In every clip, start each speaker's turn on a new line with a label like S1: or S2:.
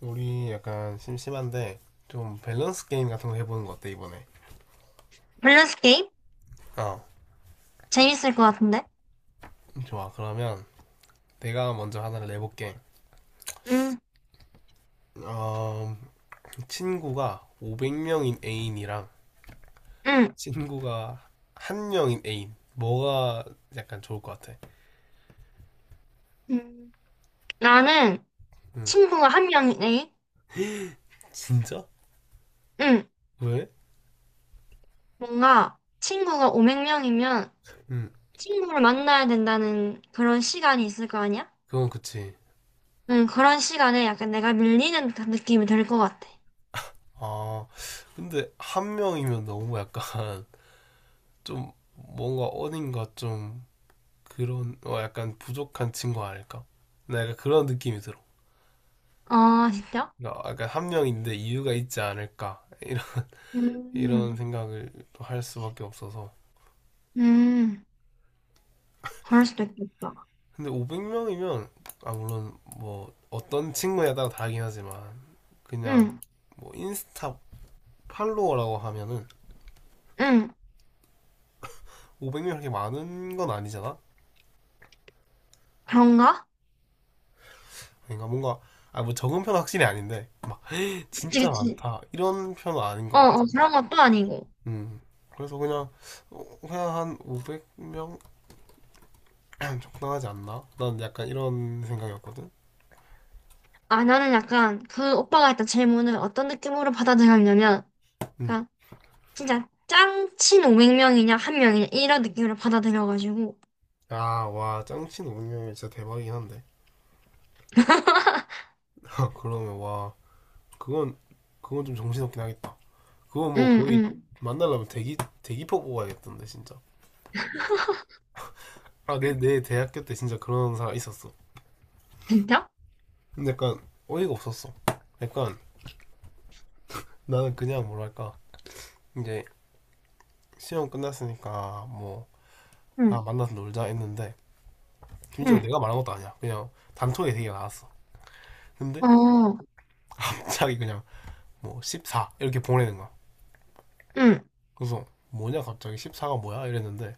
S1: 우리 약간 심심한데 좀 밸런스 게임 같은 거 해보는 거 어때 이번에?
S2: 밸런스 게임?
S1: 어.
S2: 재밌을 것 같은데?
S1: 좋아. 그러면 내가 먼저 하나를 내볼게.
S2: 응,
S1: 어, 친구가 500명인 애인이랑
S2: 응.
S1: 친구가 한 명인 애인 뭐가 약간 좋을 것 같아?
S2: 음, 나는
S1: 응.
S2: 친구가 한 명이네.
S1: 진짜?
S2: 응.
S1: 왜?
S2: 뭔가 친구가 500명이면
S1: 응.
S2: 친구를 만나야 된다는 그런 시간이 있을 거 아니야?
S1: 그건 그치.
S2: 응, 그런 시간에 약간 내가 밀리는 듯한 느낌이 들 것 같아.
S1: 아, 근데 한 명이면 너무 약간 좀 뭔가 어딘가 좀 그런 어 약간 부족한 친구 아닐까? 나 약간 그런 느낌이 들어.
S2: 아, 진짜?
S1: 어, 그러니까 한 명인데 이유가 있지 않을까 이런
S2: 음,
S1: 생각을 또 할 수밖에 없어서.
S2: 음. 그럴 수도 있겠다.
S1: 근데 500명이면, 아, 물론 뭐 어떤 친구에 따라 다르긴 하지만 그냥
S2: 응,
S1: 뭐 인스타 팔로워라고 하면은
S2: 응.
S1: 500명 이렇게 많은 건 아니잖아.
S2: 그런가?
S1: 그러니까 뭔가 아, 뭐 적은 편은 확실히 아닌데
S2: 그치,
S1: 진짜
S2: 그치.
S1: 많다 이런 편은 아닌 것
S2: 어, 어,
S1: 같아.
S2: 그런 것도 아니고.
S1: 음. 그래서 그냥 어, 그냥 한 500명 적당하지 않나, 난 약간 이런 생각이었거든.
S2: 아, 나는 약간 그 오빠가 했던 질문을 어떤 느낌으로 받아들였냐면,
S1: 음.
S2: 진짜 짱친 500명이냐 한 명이냐 이런 느낌으로 받아들여가지고
S1: 야, 와, 짱친 운영명이 진짜 대박이긴 한데. 그러면, 와, 그건, 그건 좀 정신없긴 하겠다. 그건 뭐
S2: 응,
S1: 거의
S2: 응.
S1: 만나려면 대기표 뽑아야겠던데, 진짜. 아, 내 대학교 때 진짜 그런 사람 있었어.
S2: 진짜?
S1: 근데 약간 어이가 없었어. 약간 나는 그냥 뭐랄까, 이제 시험 끝났으니까 뭐, 아,
S2: 응,
S1: 만나서 놀자 했는데, 심지어
S2: 응.
S1: 내가 말한 것도 아니야. 그냥 단톡에 되게 나왔어. 근데
S2: 어,
S1: 갑자기 그냥 뭐, 14 이렇게 보내는 거야.
S2: 응.
S1: 그래서 뭐냐, 갑자기 14가 뭐야 이랬는데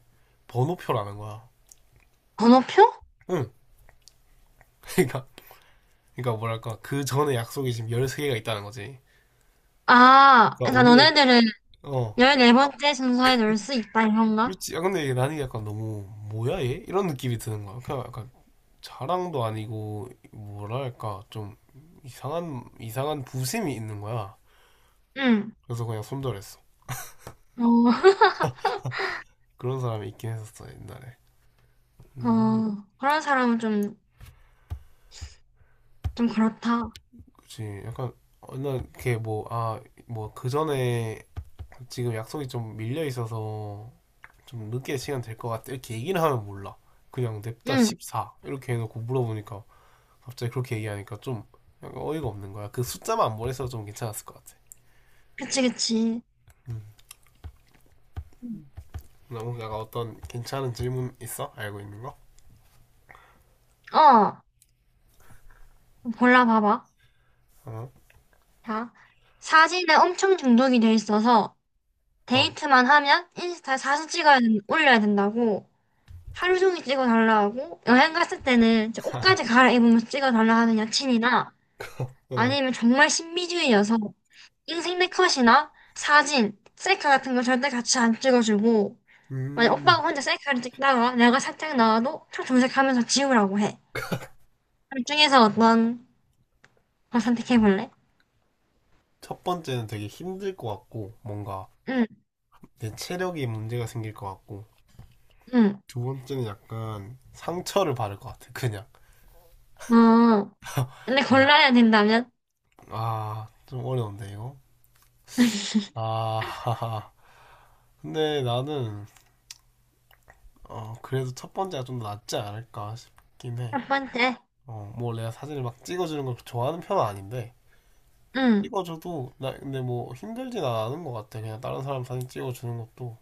S1: 번호표라는 거야.
S2: 번호표?
S1: 응. 그러니까 뭐랄까 그 전에 약속이 지금 13개가 있다는 거지.
S2: 아,
S1: 그러니까
S2: 그러니까
S1: 우리가,
S2: 너네들은
S1: 어,
S2: 14번째 순서에 넣을 수 있다, 이런가?
S1: 그렇지. 아, 근데 이게 나는 약간 너무 뭐야 얘, 이런 느낌이 드는 거야. 그냥 약간 자랑도 아니고 뭐랄까 좀 이상한 이상한 부심이 있는 거야.
S2: 응.
S1: 그래서 그냥 손절했어.
S2: 어,
S1: 그런 사람이 있긴 했었어, 옛날에. 음.
S2: 어, 그런 사람은 좀, 좀 그렇다.
S1: 그치. 약간 어느 걔 뭐, 아, 뭐, 그 전에 지금 약속이 좀 밀려 있어서 좀 늦게 시간 될 것 같아 이렇게 얘기는 하면 몰라, 그냥 냅다
S2: 응,
S1: 14 이렇게 해놓고 물어보니까 갑자기 그렇게 얘기하니까 좀 약간 어이가 없는 거야. 그 숫자만 안 보내서 좀 괜찮았을 것 같아.
S2: 그치, 그치.
S1: 음.
S2: 응.
S1: 너무 약간, 어떤 괜찮은 질문 있어? 알고 있는 거?
S2: 어, 골라봐봐.
S1: 어?
S2: 자, 사진에 엄청 중독이 돼 있어서
S1: 어.
S2: 데이트만 하면 인스타에 사진 올려야 된다고 하루 종일 찍어달라 하고 여행 갔을 때는 저 옷까지 갈아입으면서 찍어달라 하는 여친이나
S1: 어.
S2: 아니면 정말 신비주의여서 인생 내 컷이나 사진, 셀카 같은 거 절대 같이 안 찍어주고 만약
S1: 음.
S2: 오빠가 혼자 셀카를 찍다가 내가 살짝 나와도 차 정색하면서 지우라고 해. 둘 중에서 어떤 거 선택해볼래?
S1: 첫 번째는 되게 힘들 것 같고 뭔가
S2: 응,
S1: 내 체력이 문제가 생길 것 같고
S2: 응.
S1: 두 번째는 약간 상처를 받을 것 같아, 그냥.
S2: 어, 근데
S1: 네.
S2: 골라야 된다면?
S1: 아, 좀 어려운데 이거. 아. 근데 나는 어, 그래도 첫 번째가 좀 더 낫지 않을까 싶긴 해.
S2: 첫 번째.
S1: 어뭐 내가 사진을 막 찍어주는 걸 좋아하는 편은 아닌데,
S2: 응,
S1: 찍어줘도 나 근데 뭐 힘들진 않은 것 같아. 그냥 다른 사람 사진 찍어주는 것도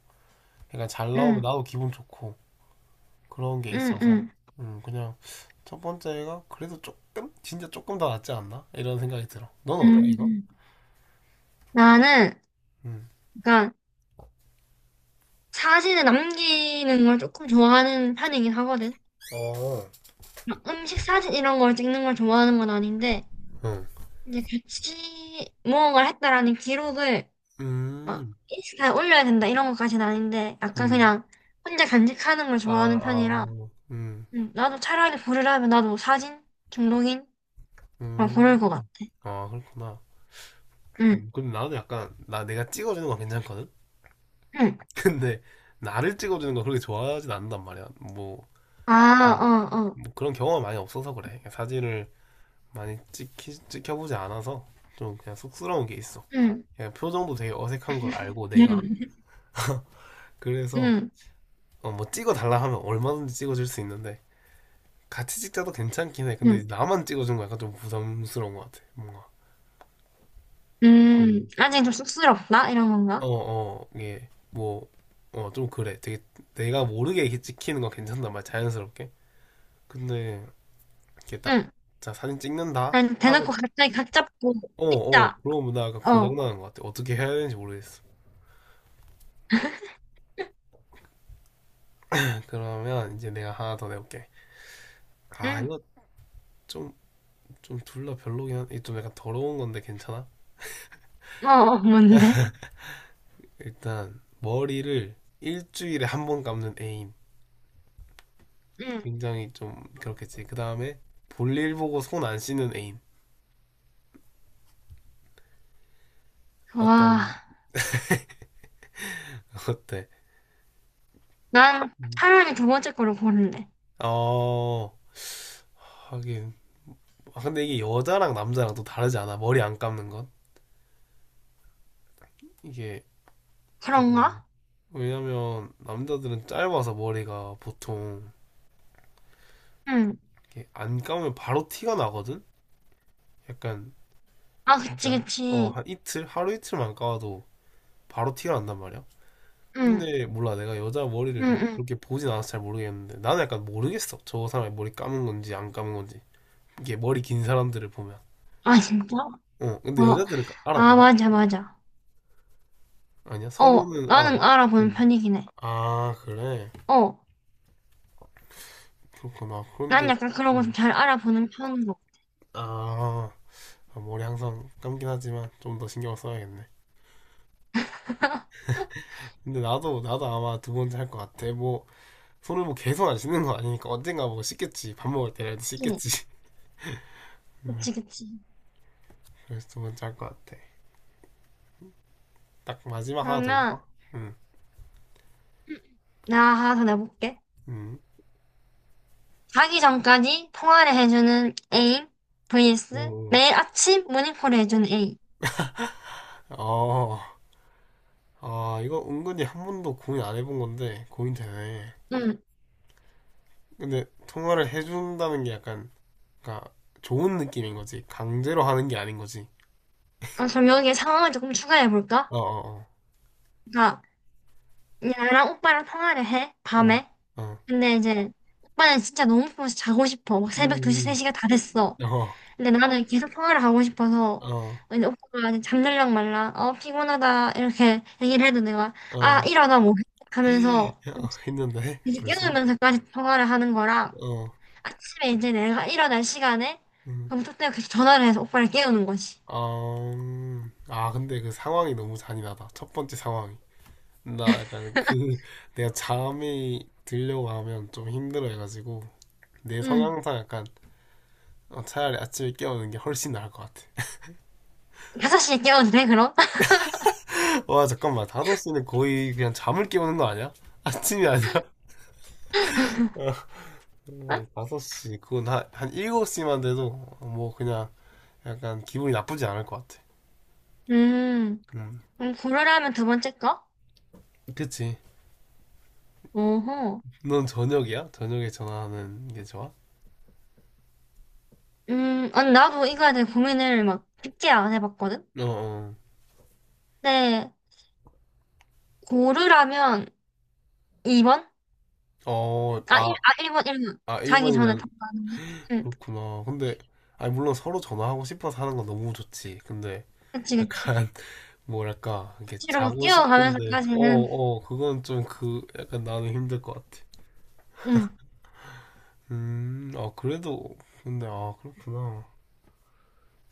S1: 약간 잘 나오면
S2: 응,
S1: 나도 기분 좋고 그런 게
S2: 응,
S1: 있어서.
S2: 응.
S1: 음. 그냥 첫 번째가 그래도 조금, 진짜 조금 더 낫지 않나, 이런 생각이 들어. 너는 어때 이거?
S2: 음, 나는
S1: 음.
S2: 약간 사진을 남기는 걸 조금 좋아하는 편이긴 하거든.
S1: 어.
S2: 막 음식 사진 이런 걸 찍는 걸 좋아하는 건 아닌데,
S1: 응.
S2: 이제 같이 무언가를 했다라는 기록을 막
S1: 음.
S2: 인스타에 올려야 된다 이런 것까지는 아닌데, 약간
S1: 음.
S2: 그냥 혼자 간직하는 걸
S1: 아,
S2: 좋아하는 편이라,
S1: 아. 음.
S2: 나도 차라리 고르라면 나도 사진 중독인 걸 고를 것 같아.
S1: 음. 아, 그렇구나.
S2: 응,
S1: 근데 나는 약간, 나 내가 찍어주는 건 괜찮거든.
S2: 응.
S1: 근데 나를 찍어주는 건 그렇게 좋아하진 않는단 말이야. 뭐,
S2: 아,
S1: 뭐,
S2: 어, 어.
S1: 뭐 그런 경험이 많이 없어서 그래. 사진을 많이 찍혀보지 않아서 좀 그냥 쑥스러운 게 있어.
S2: 응,
S1: 그냥 표정도 되게 어색한 걸 알고 내가.
S2: 응,
S1: 그래서
S2: 응,
S1: 어, 뭐 찍어달라 하면 얼마든지 찍어줄 수 있는데 같이 찍자도 괜찮긴 해. 근데
S2: 응.
S1: 나만 찍어준 거 약간 좀 부담스러운 것 같아. 뭔가. 음.
S2: 아직 좀 쑥스럽다? 이런
S1: 어,
S2: 건가?
S1: 어, 이게 뭐, 어, 좀 그래. 되게 내가 모르게 이렇게 찍히는 건 괜찮단 말이야. 자연스럽게. 근데 이렇게 딱,
S2: 응.
S1: 자, 사진 찍는다
S2: 아니,
S1: 하고,
S2: 대놓고 갑자기 각 잡고,
S1: 어, 어,
S2: 피자.
S1: 그런 문화가
S2: 어.
S1: 고장나는 것 같아. 어떻게 해야 되는지 모르겠어. 그러면 이제 내가 하나 더 내볼게. 아,
S2: 응.
S1: 이거 좀, 좀 둘 다 별로긴 한, 이좀 약간 더러운 건데 괜찮아?
S2: 어, 어, 뭔데?
S1: 일단, 머리를 일주일에 한 번 감는 애인.
S2: 응.
S1: 굉장히 좀 그렇겠지. 그 다음에, 볼일 보고 손 안 씻는 애인. 어떤,
S2: 와.
S1: 어때?
S2: 난
S1: 음.
S2: 차라리 두 번째 거를 고를래.
S1: 어, 하긴. 아, 근데 이게 여자랑 남자랑 또 다르지 않아? 머리 안 감는 건? 이게 약간
S2: 그런가?
S1: 왜냐면 남자들은 짧아서 머리가 보통
S2: 응.
S1: 이렇게 안 감으면 바로 티가 나거든? 약간
S2: 아, 그치,
S1: 진짜, 어,
S2: 그치.
S1: 한 이틀 하루 이틀만 감아도 바로 티가 난단 말이야.
S2: 응.
S1: 근데 몰라, 내가 여자
S2: 응,
S1: 머리를 막
S2: 응.
S1: 그렇게 보진 않아서 잘 모르겠는데 나는 약간 모르겠어, 저 사람이 머리 감은 건지 안 감은 건지. 이게 머리 긴 사람들을 보면.
S2: 아, 진짜?
S1: 어, 근데
S2: 어.
S1: 여자들은 까-
S2: 아,
S1: 알아보나?
S2: 맞아, 맞아.
S1: 아니야
S2: 어,
S1: 서로는
S2: 나는
S1: 알아봐?
S2: 알아보는
S1: 응.
S2: 편이긴 해.
S1: 아 그래.
S2: 어.
S1: 그렇구나
S2: 난
S1: 그런데.
S2: 약간 그런 거 좀
S1: 어.
S2: 잘 알아보는 편인 것
S1: 아. 아, 머리 항상 감긴 하지만 좀 더 신경 써야겠네.
S2: 같아.
S1: 근데 나도 아마 두 번째 할 것 같아. 뭐, 손을 뭐 계속 안 씻는 거 아니니까 언젠가 뭐 씻겠지. 밥 먹을 때라도
S2: 그치,
S1: 씻겠지. 음,
S2: 그치. 그치.
S1: 그래서 두 번째 할 것 같아. 딱 마지막 하나 더 해볼까?
S2: 그러면,
S1: 응,
S2: 나 하나 더 내볼게.
S1: 응,
S2: 자기 전까지 통화를 해주는 A vs
S1: 오,
S2: 매일 아침 모닝콜을 해주는 A.
S1: 어, 아, 이거 은근히 한 번도 고민 안 해본 건데 고민되네.
S2: 음,
S1: 근데 통화를 해준다는 게 약간, 그러니까 좋은 느낌인 거지. 강제로 하는 게 아닌 거지.
S2: 아, 그럼 여기에 상황을 조금
S1: 어,
S2: 추가해볼까?
S1: 어,
S2: 그러니까 나랑 오빠랑 통화를 해,
S1: 어, 어,
S2: 밤에.
S1: 어,
S2: 근데 이제 오빠는 진짜 너무 피곤해서 자고 싶어. 막
S1: 음,
S2: 새벽 2시, 3시가 다 됐어.
S1: 어,
S2: 근데 나는 계속 통화를 하고 싶어서
S1: 어.
S2: 이제 오빠가 이제 잠들랑 말라. 어, 피곤하다. 이렇게 얘기를 해도 내가 아,
S1: 어,
S2: 일어나 뭐 해? 하면서
S1: 어, 했는데,
S2: 계속
S1: 벌써?
S2: 이러면서까지 통화를 하는 거랑
S1: 어,
S2: 아침에 이제 내가 일어날 시간에
S1: 음.
S2: 검토 때문에 계속 전화를 해서 오빠를 깨우는 거지.
S1: 어, 아, 근데 그 상황이 너무 잔인하다. 첫 번째 상황이. 나 약간 그, 내가 잠이 들려고 하면 좀 힘들어 해가지고, 내
S2: 응.
S1: 성향상 약간, 어, 차라리 아침에 깨우는 게 훨씬 나을 것 같아.
S2: 5시에 깨워도 돼, 그럼?
S1: 와, 잠깐만. 5시는 거의 그냥 잠을 깨우는 거 아니야? 아침이 아니라? 어, 5시. 그건 한 7시만 돼도, 뭐, 그냥, 약간 기분이 나쁘지 않을 것 같아.
S2: 음,
S1: 음,
S2: 그럼 고르라면 두 번째 거?
S1: 그치.
S2: 어허.
S1: 넌 저녁이야? 저녁에 전화하는 게 좋아?
S2: 아니, 나도 이거에 대해 고민을 막 깊게 안 해봤거든?
S1: 어,
S2: 근데, 고르라면 2번?
S1: 어, 어,
S2: 아, 1,
S1: 아,
S2: 아, 일번 1번.
S1: 아,
S2: 자기 전에 다
S1: 1번이면
S2: 가는 거? 응,
S1: 그렇구나. 근데, 아니, 물론 서로 전화하고 싶어서 하는 건 너무 좋지. 근데,
S2: 그치, 그치.
S1: 약간, 뭐랄까,
S2: 고
S1: 이렇게
S2: 치로 막뛰
S1: 자고
S2: 워가면서까
S1: 싶은데,
S2: 지
S1: 어,
S2: 는
S1: 어, 그건 좀 그, 약간 나는 힘들 것 같아.
S2: 응.
S1: 아, 그래도, 근데, 아, 그렇구나.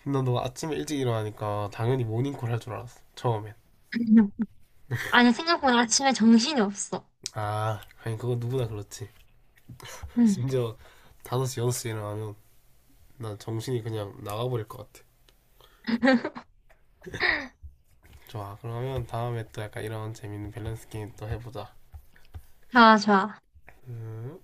S1: 난 너가 아침에 일찍 일어나니까 당연히 모닝콜 할 줄 알았어. 처음엔.
S2: 아니, 생각보다 아침에 정신이 없어.
S1: 아, 아니, 그건 누구나 그렇지.
S2: 응.
S1: 심지어 5시, 6시 일어나면 난 정신이 그냥 나가버릴 것 같아. 좋아. 그러면 다음에 또 약간 이런 재밌는 밸런스 게임 또 해보자.
S2: 좋아, 좋아.
S1: 음.